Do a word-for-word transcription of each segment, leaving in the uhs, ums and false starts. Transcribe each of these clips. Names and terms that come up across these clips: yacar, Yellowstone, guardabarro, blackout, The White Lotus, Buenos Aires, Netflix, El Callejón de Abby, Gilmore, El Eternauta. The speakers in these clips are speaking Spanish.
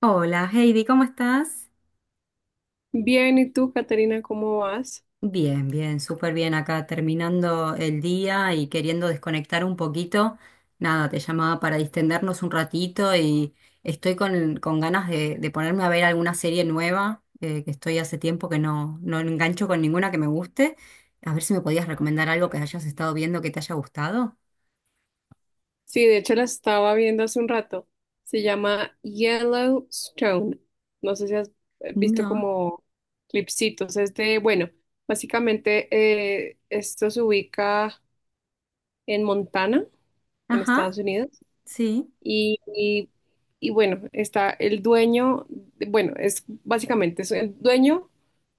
Hola Heidi, ¿cómo estás? Bien, ¿y tú, Caterina, cómo vas? Bien, bien, súper bien acá terminando el día y queriendo desconectar un poquito. Nada, te llamaba para distendernos un ratito y estoy con, con ganas de, de ponerme a ver alguna serie nueva, eh, que estoy hace tiempo que no, no engancho con ninguna que me guste. A ver si me podías recomendar algo que hayas estado viendo que te haya gustado. Sí, de hecho la estaba viendo hace un rato. Se llama Yellowstone. No sé si has eh, visto No. como clipsitos. Es de, bueno, básicamente eh, esto se ubica en Montana, en Estados Ajá, Unidos. sí. Y, y- y bueno, está el dueño, de- bueno, es básicamente es el dueño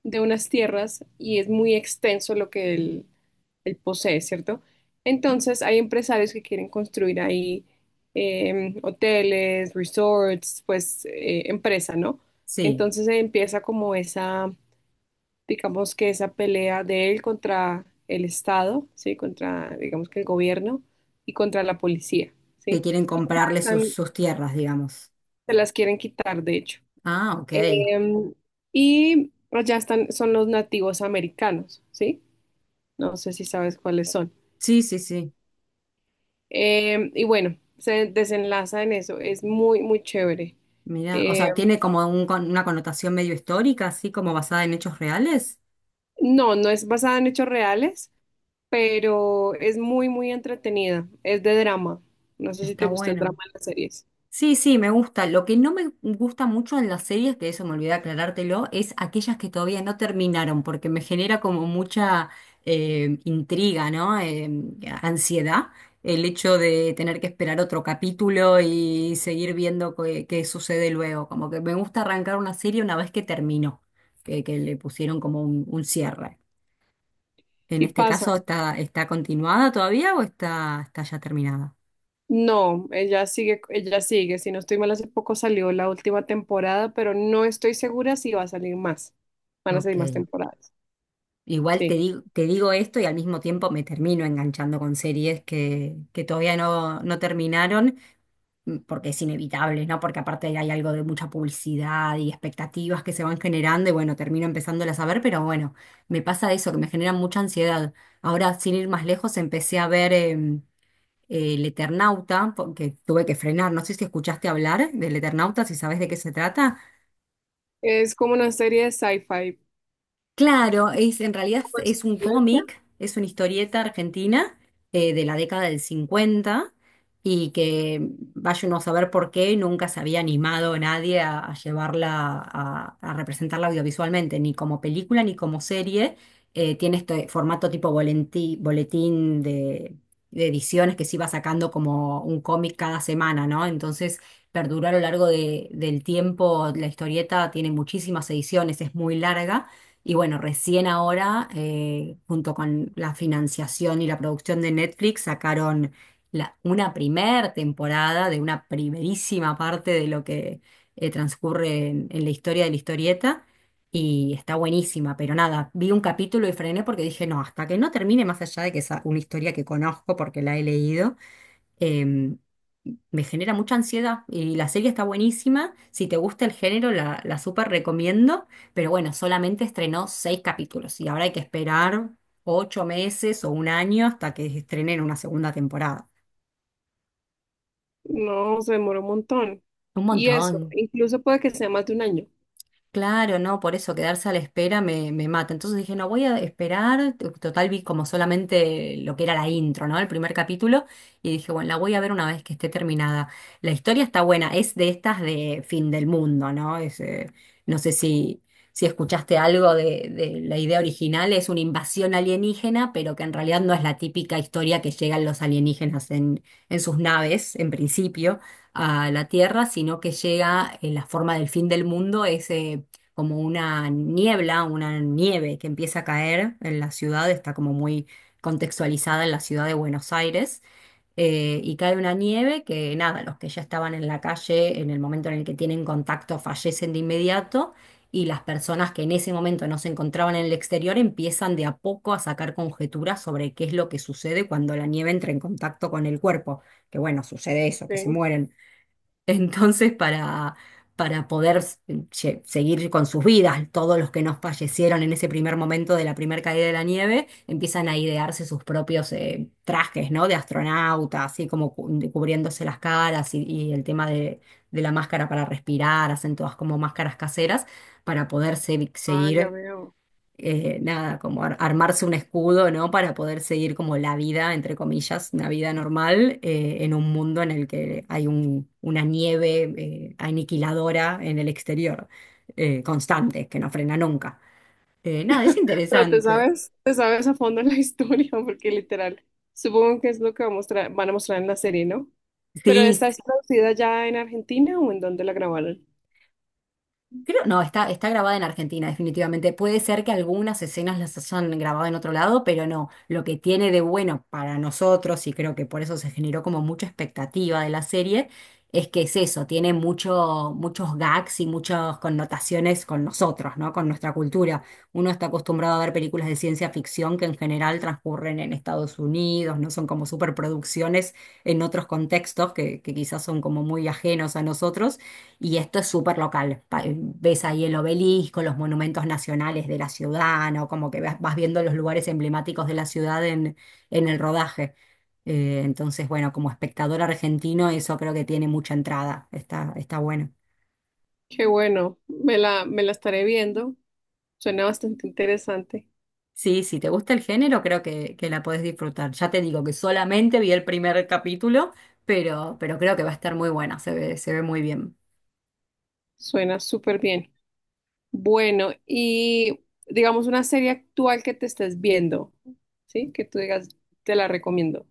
de unas tierras y es muy extenso lo que él, él posee, ¿cierto? Entonces hay empresarios que quieren construir ahí eh, hoteles, resorts, pues eh, empresa, ¿no? Sí, Entonces eh, empieza como esa, digamos que esa pelea de él contra el Estado, ¿sí? Contra, digamos que el gobierno y contra la policía, que ¿sí? quieren Y ya comprarle sus, están, sus tierras, digamos. se las quieren quitar, de hecho. Ah, ok. Em, y allá están, son los nativos americanos, ¿sí? No sé si sabes cuáles son. Sí, sí, sí. Em, y bueno, se desenlaza en eso, es muy, muy chévere. Mira, o Eh, sea, tiene como un con- una connotación medio histórica, así como basada en hechos reales. no, no es basada en hechos reales, pero es muy, muy entretenida. Es de drama. No sé si Está te gusta el drama bueno. en las series. Sí, sí, me gusta. Lo que no me gusta mucho en las series, que eso me olvidé aclarártelo, es aquellas que todavía no terminaron, porque me genera como mucha eh, intriga, ¿no? Eh, ansiedad, el hecho de tener que esperar otro capítulo y seguir viendo qué, qué sucede luego. Como que me gusta arrancar una serie una vez que terminó, que, que le pusieron como un un cierre. En Sí este pasa. caso, ¿está, está continuada todavía o está, está ya terminada? No, ella sigue, ella sigue. Si no estoy mal, hace poco salió la última temporada, pero no estoy segura si va a salir más. Van a Ok. salir más temporadas. Igual te Sí. digo, te digo esto y al mismo tiempo me termino enganchando con series que, que todavía no, no terminaron, mm, porque es inevitable, ¿no? Porque aparte hay algo de mucha publicidad y expectativas que se van generando y bueno, termino empezándolas a ver, pero bueno, me pasa eso, que me genera mucha ansiedad. Ahora, sin ir más lejos, empecé a ver em, El Eternauta, porque tuve que frenar. No sé si escuchaste hablar del Eternauta, si sabes de qué se trata. Es como una serie de sci-fi. Claro, es, en realidad Pues, es un ¿supervivencia? cómic, es una historieta argentina eh, de la década del cincuenta y que vaya uno a saber por qué nunca se había animado nadie a, a llevarla, a, a representarla audiovisualmente, ni como película ni como serie. Eh, tiene este formato tipo bolentí- boletín de, de ediciones que se iba sacando como un cómic cada semana, ¿no? Entonces perduró a lo largo de- del tiempo, la historieta tiene muchísimas ediciones, es muy larga y bueno, recién ahora, eh, junto con la financiación y la producción de Netflix, sacaron la- una primer temporada de una primerísima parte de lo que eh, transcurre en, en la historia de la historieta. Y está buenísima, pero nada, vi un capítulo y frené porque dije, no, hasta que no termine, más allá de que es una historia que conozco porque la he leído, em, me genera mucha ansiedad y la serie está buenísima. Si te gusta el género, la, la súper recomiendo, pero bueno, solamente estrenó seis capítulos y ahora hay que esperar ocho meses o un año hasta que estrenen una segunda temporada. No, se demoró un montón. Un Y montón. eso, incluso puede que sea más de un año. Claro, no, por eso quedarse a la espera me, me mata. Entonces dije, no, voy a esperar. T- Total, vi como solamente lo que era la intro, ¿no? El primer capítulo. Y dije, bueno, la voy a ver una vez que esté terminada. La historia está buena, es de estas de fin del mundo, ¿no? Es, eh, no sé si, si escuchaste algo de, de la idea original, es una invasión alienígena, pero que en realidad no es la típica historia que llegan los alienígenas en, en sus naves, en principio a la Tierra, sino que llega en la forma del fin del mundo, es como una niebla, una nieve que empieza a caer en la ciudad, está como muy contextualizada en la ciudad de Buenos Aires, eh, y cae una nieve que nada, los que ya estaban en la calle en el momento en el que tienen contacto fallecen de inmediato. Y las personas que en ese momento no se encontraban en el exterior empiezan de a poco a sacar conjeturas sobre qué es lo que sucede cuando la nieve entra en contacto con el cuerpo. Que bueno, sucede eso, que se Ok. mueren. Entonces, para, para poder s- lle- seguir con sus vidas, todos los que nos fallecieron en ese primer momento de la primera caída de la nieve, empiezan a idearse sus propios eh, trajes, ¿no? De astronauta, así como cu- cubriéndose las caras y, y el tema de, de la máscara para respirar, hacen todas como máscaras caseras para poder se- Ah, ya seguir veo. eh, nada, como ar- armarse un escudo, ¿no? Para poder seguir como la vida, entre comillas, una vida normal eh, en un mundo en el que hay un- una nieve eh, aniquiladora en el exterior, eh, constante, que no frena nunca. Eh, nada, es Pero te interesante. sabes, te sabes a fondo la historia, porque literal, supongo que es lo que va a mostrar- van a mostrar en la serie, ¿no? Pero Sí, ¿esta es traducida ya en Argentina o en dónde la grabaron? creo, no, está, está, grabada en Argentina, definitivamente. Puede ser que algunas escenas las hayan grabado en otro lado, pero no. Lo que tiene de bueno para nosotros, y creo que por eso se generó como mucha expectativa de la serie, es que es eso, tiene mucho, muchos gags y muchas connotaciones con nosotros, ¿no? Con nuestra cultura. Uno está acostumbrado a ver películas de ciencia ficción que en general transcurren en Estados Unidos, no son como superproducciones en otros contextos que, que quizás son como muy ajenos a nosotros. Y esto es súper local. Pa- eh, Ves ahí el obelisco, los monumentos nacionales de la ciudad, ¿no? Como que vas vas viendo los lugares emblemáticos de la ciudad en, en el rodaje. Eh, entonces, bueno, como espectador argentino, eso creo que tiene mucha entrada. Está, está bueno. Qué bueno, me la, me la estaré viendo. Suena bastante interesante. Sí, si te gusta el género, creo que, que la podés disfrutar. Ya te digo que solamente vi el primer capítulo, pero, pero creo que va a estar muy buena. Se ve, se ve muy bien. Suena súper bien. Bueno, y digamos una serie actual que te estés viendo, ¿sí? Que tú digas, te la recomiendo.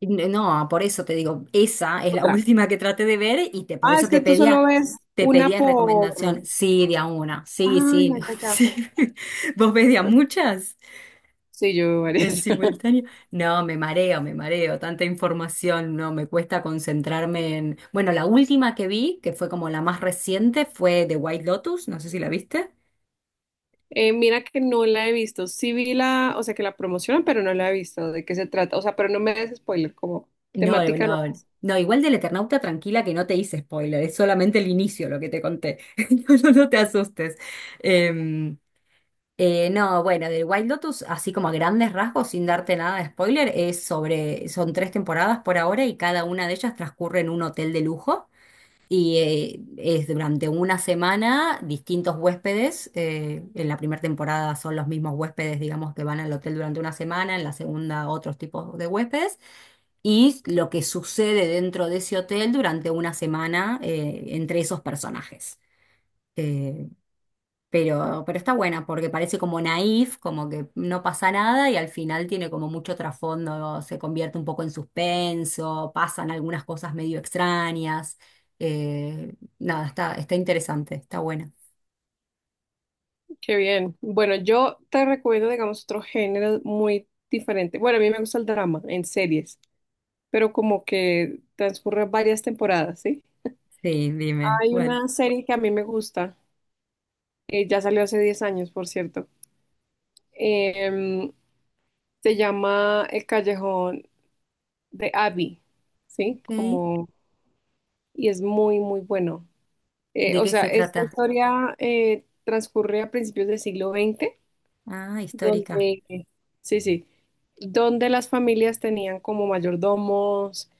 N- No, por eso te digo, esa es la Otra. última que traté de ver y te, por Ah, eso es te que tú pedía, solo ves te una pedía recomendación. por... Sí, de a una. Sí, Ay, sí, ya, no, ya, ya. sí. ¿Vos ves de a muchas Sí, yo veo en varias. simultáneo? No, me mareo, me mareo. Tanta información, no, me cuesta concentrarme en... Bueno, la última que vi, que fue como la más reciente, fue The White Lotus. No sé si la viste. Eh, mira que no la he visto. Sí vi la, o sea, que la promocionan, pero no la he visto. ¿De qué se trata? O sea, pero no me des spoiler, como No, no, temática no. no, no, igual del Eternauta, tranquila que no te hice spoiler, es solamente el inicio lo que te conté. No, no, no te asustes. Em, Eh, no, bueno, del White Lotus, así como a grandes rasgos, sin darte nada de spoiler, es sobre, son tres temporadas por ahora y cada una de ellas transcurre en un hotel de lujo y eh, es durante una semana distintos huéspedes. Eh, en la primera temporada son los mismos huéspedes, digamos, que van al hotel durante una semana, en la segunda otros tipos de huéspedes y lo que sucede dentro de ese hotel durante una semana eh, entre esos personajes. Eh, pero, pero está buena porque parece como naif, como que no pasa nada y al final tiene como mucho trasfondo, se convierte un poco en suspenso, pasan algunas cosas medio extrañas. Eh, nada, está, está interesante, está buena. Qué bien. Bueno, yo te recomiendo, digamos, otro género muy diferente. Bueno, a mí me gusta el drama en series, pero como que transcurre varias temporadas, ¿sí? Sí, dime, Hay ¿cuál? una serie que a mí me gusta, eh, ya salió hace diez años, por cierto. Em, Se llama El Callejón de Abby, ¿sí? Ok. Como, y es muy, muy bueno. Eh, ¿De O qué sea, se esta trata? historia eh, transcurre a principios del siglo veinte, Ah, histórica. donde, sí, sí, donde las familias tenían como mayordomos,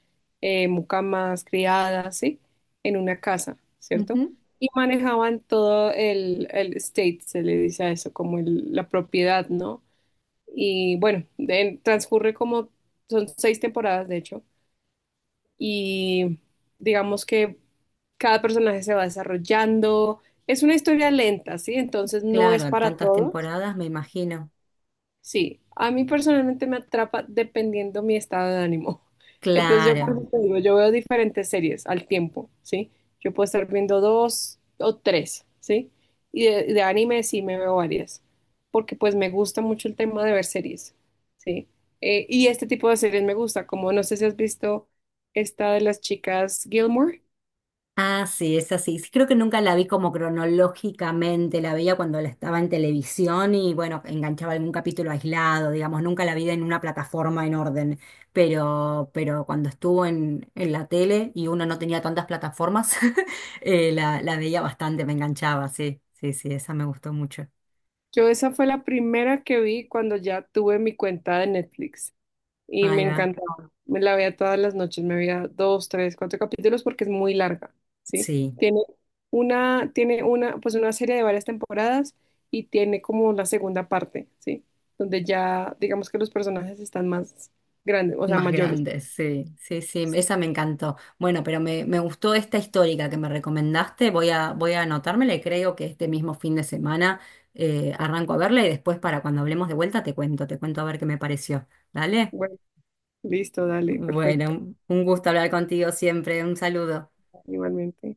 eh, mucamas, criadas, ¿sí? En una casa, ¿cierto? Ujú. Y manejaban todo el, el estate, se le dice a eso, como el- la propiedad, ¿no? Y bueno, de- transcurre como, son seis temporadas de hecho, y digamos que cada personaje se va desarrollando. Es una historia lenta, ¿sí? Entonces no es Claro, para tantas todos. temporadas, me imagino. Sí, a mí personalmente me atrapa dependiendo mi estado de ánimo. Entonces yo por Claro. eso te digo, yo veo diferentes series al tiempo, ¿sí? Yo puedo estar viendo dos o tres, ¿sí? Y de, de anime sí me veo varias, porque pues me gusta mucho el tema de ver series, ¿sí? Eh, y este tipo de series me gusta, como no sé si has visto esta de las chicas Gilmore. Ah, sí, es así. Sí, creo que nunca la vi como cronológicamente, la veía cuando la estaba en televisión y bueno, enganchaba algún capítulo aislado, digamos, nunca la vi en una plataforma en orden, pero, pero cuando estuvo en, en la tele y uno no tenía tantas plataformas, eh, la, la veía bastante, me enganchaba, sí, sí, sí, esa me gustó mucho. Yo esa fue la primera que vi cuando ya tuve mi cuenta de Netflix. Y me Ahí va, encantaba. Me la veía todas las noches, me veía dos, tres, cuatro capítulos porque es muy larga, ¿sí? sí. Tiene una, tiene una, pues una serie de varias temporadas y tiene como la segunda parte, ¿sí? Donde ya, digamos que los personajes están más grandes, o sea, Más mayores. grandes, Pues. sí, sí, sí, Sí. esa me encantó. Bueno, pero me, me gustó esta histórica que me recomendaste, voy a, voy a anotármela y creo que este mismo fin de semana eh, arranco a verla y después para cuando hablemos de vuelta te cuento, te cuento a ver qué me pareció. ¿Dale? Bueno, listo, dale, perfecto, Bueno, un gusto hablar contigo siempre, un saludo. igualmente.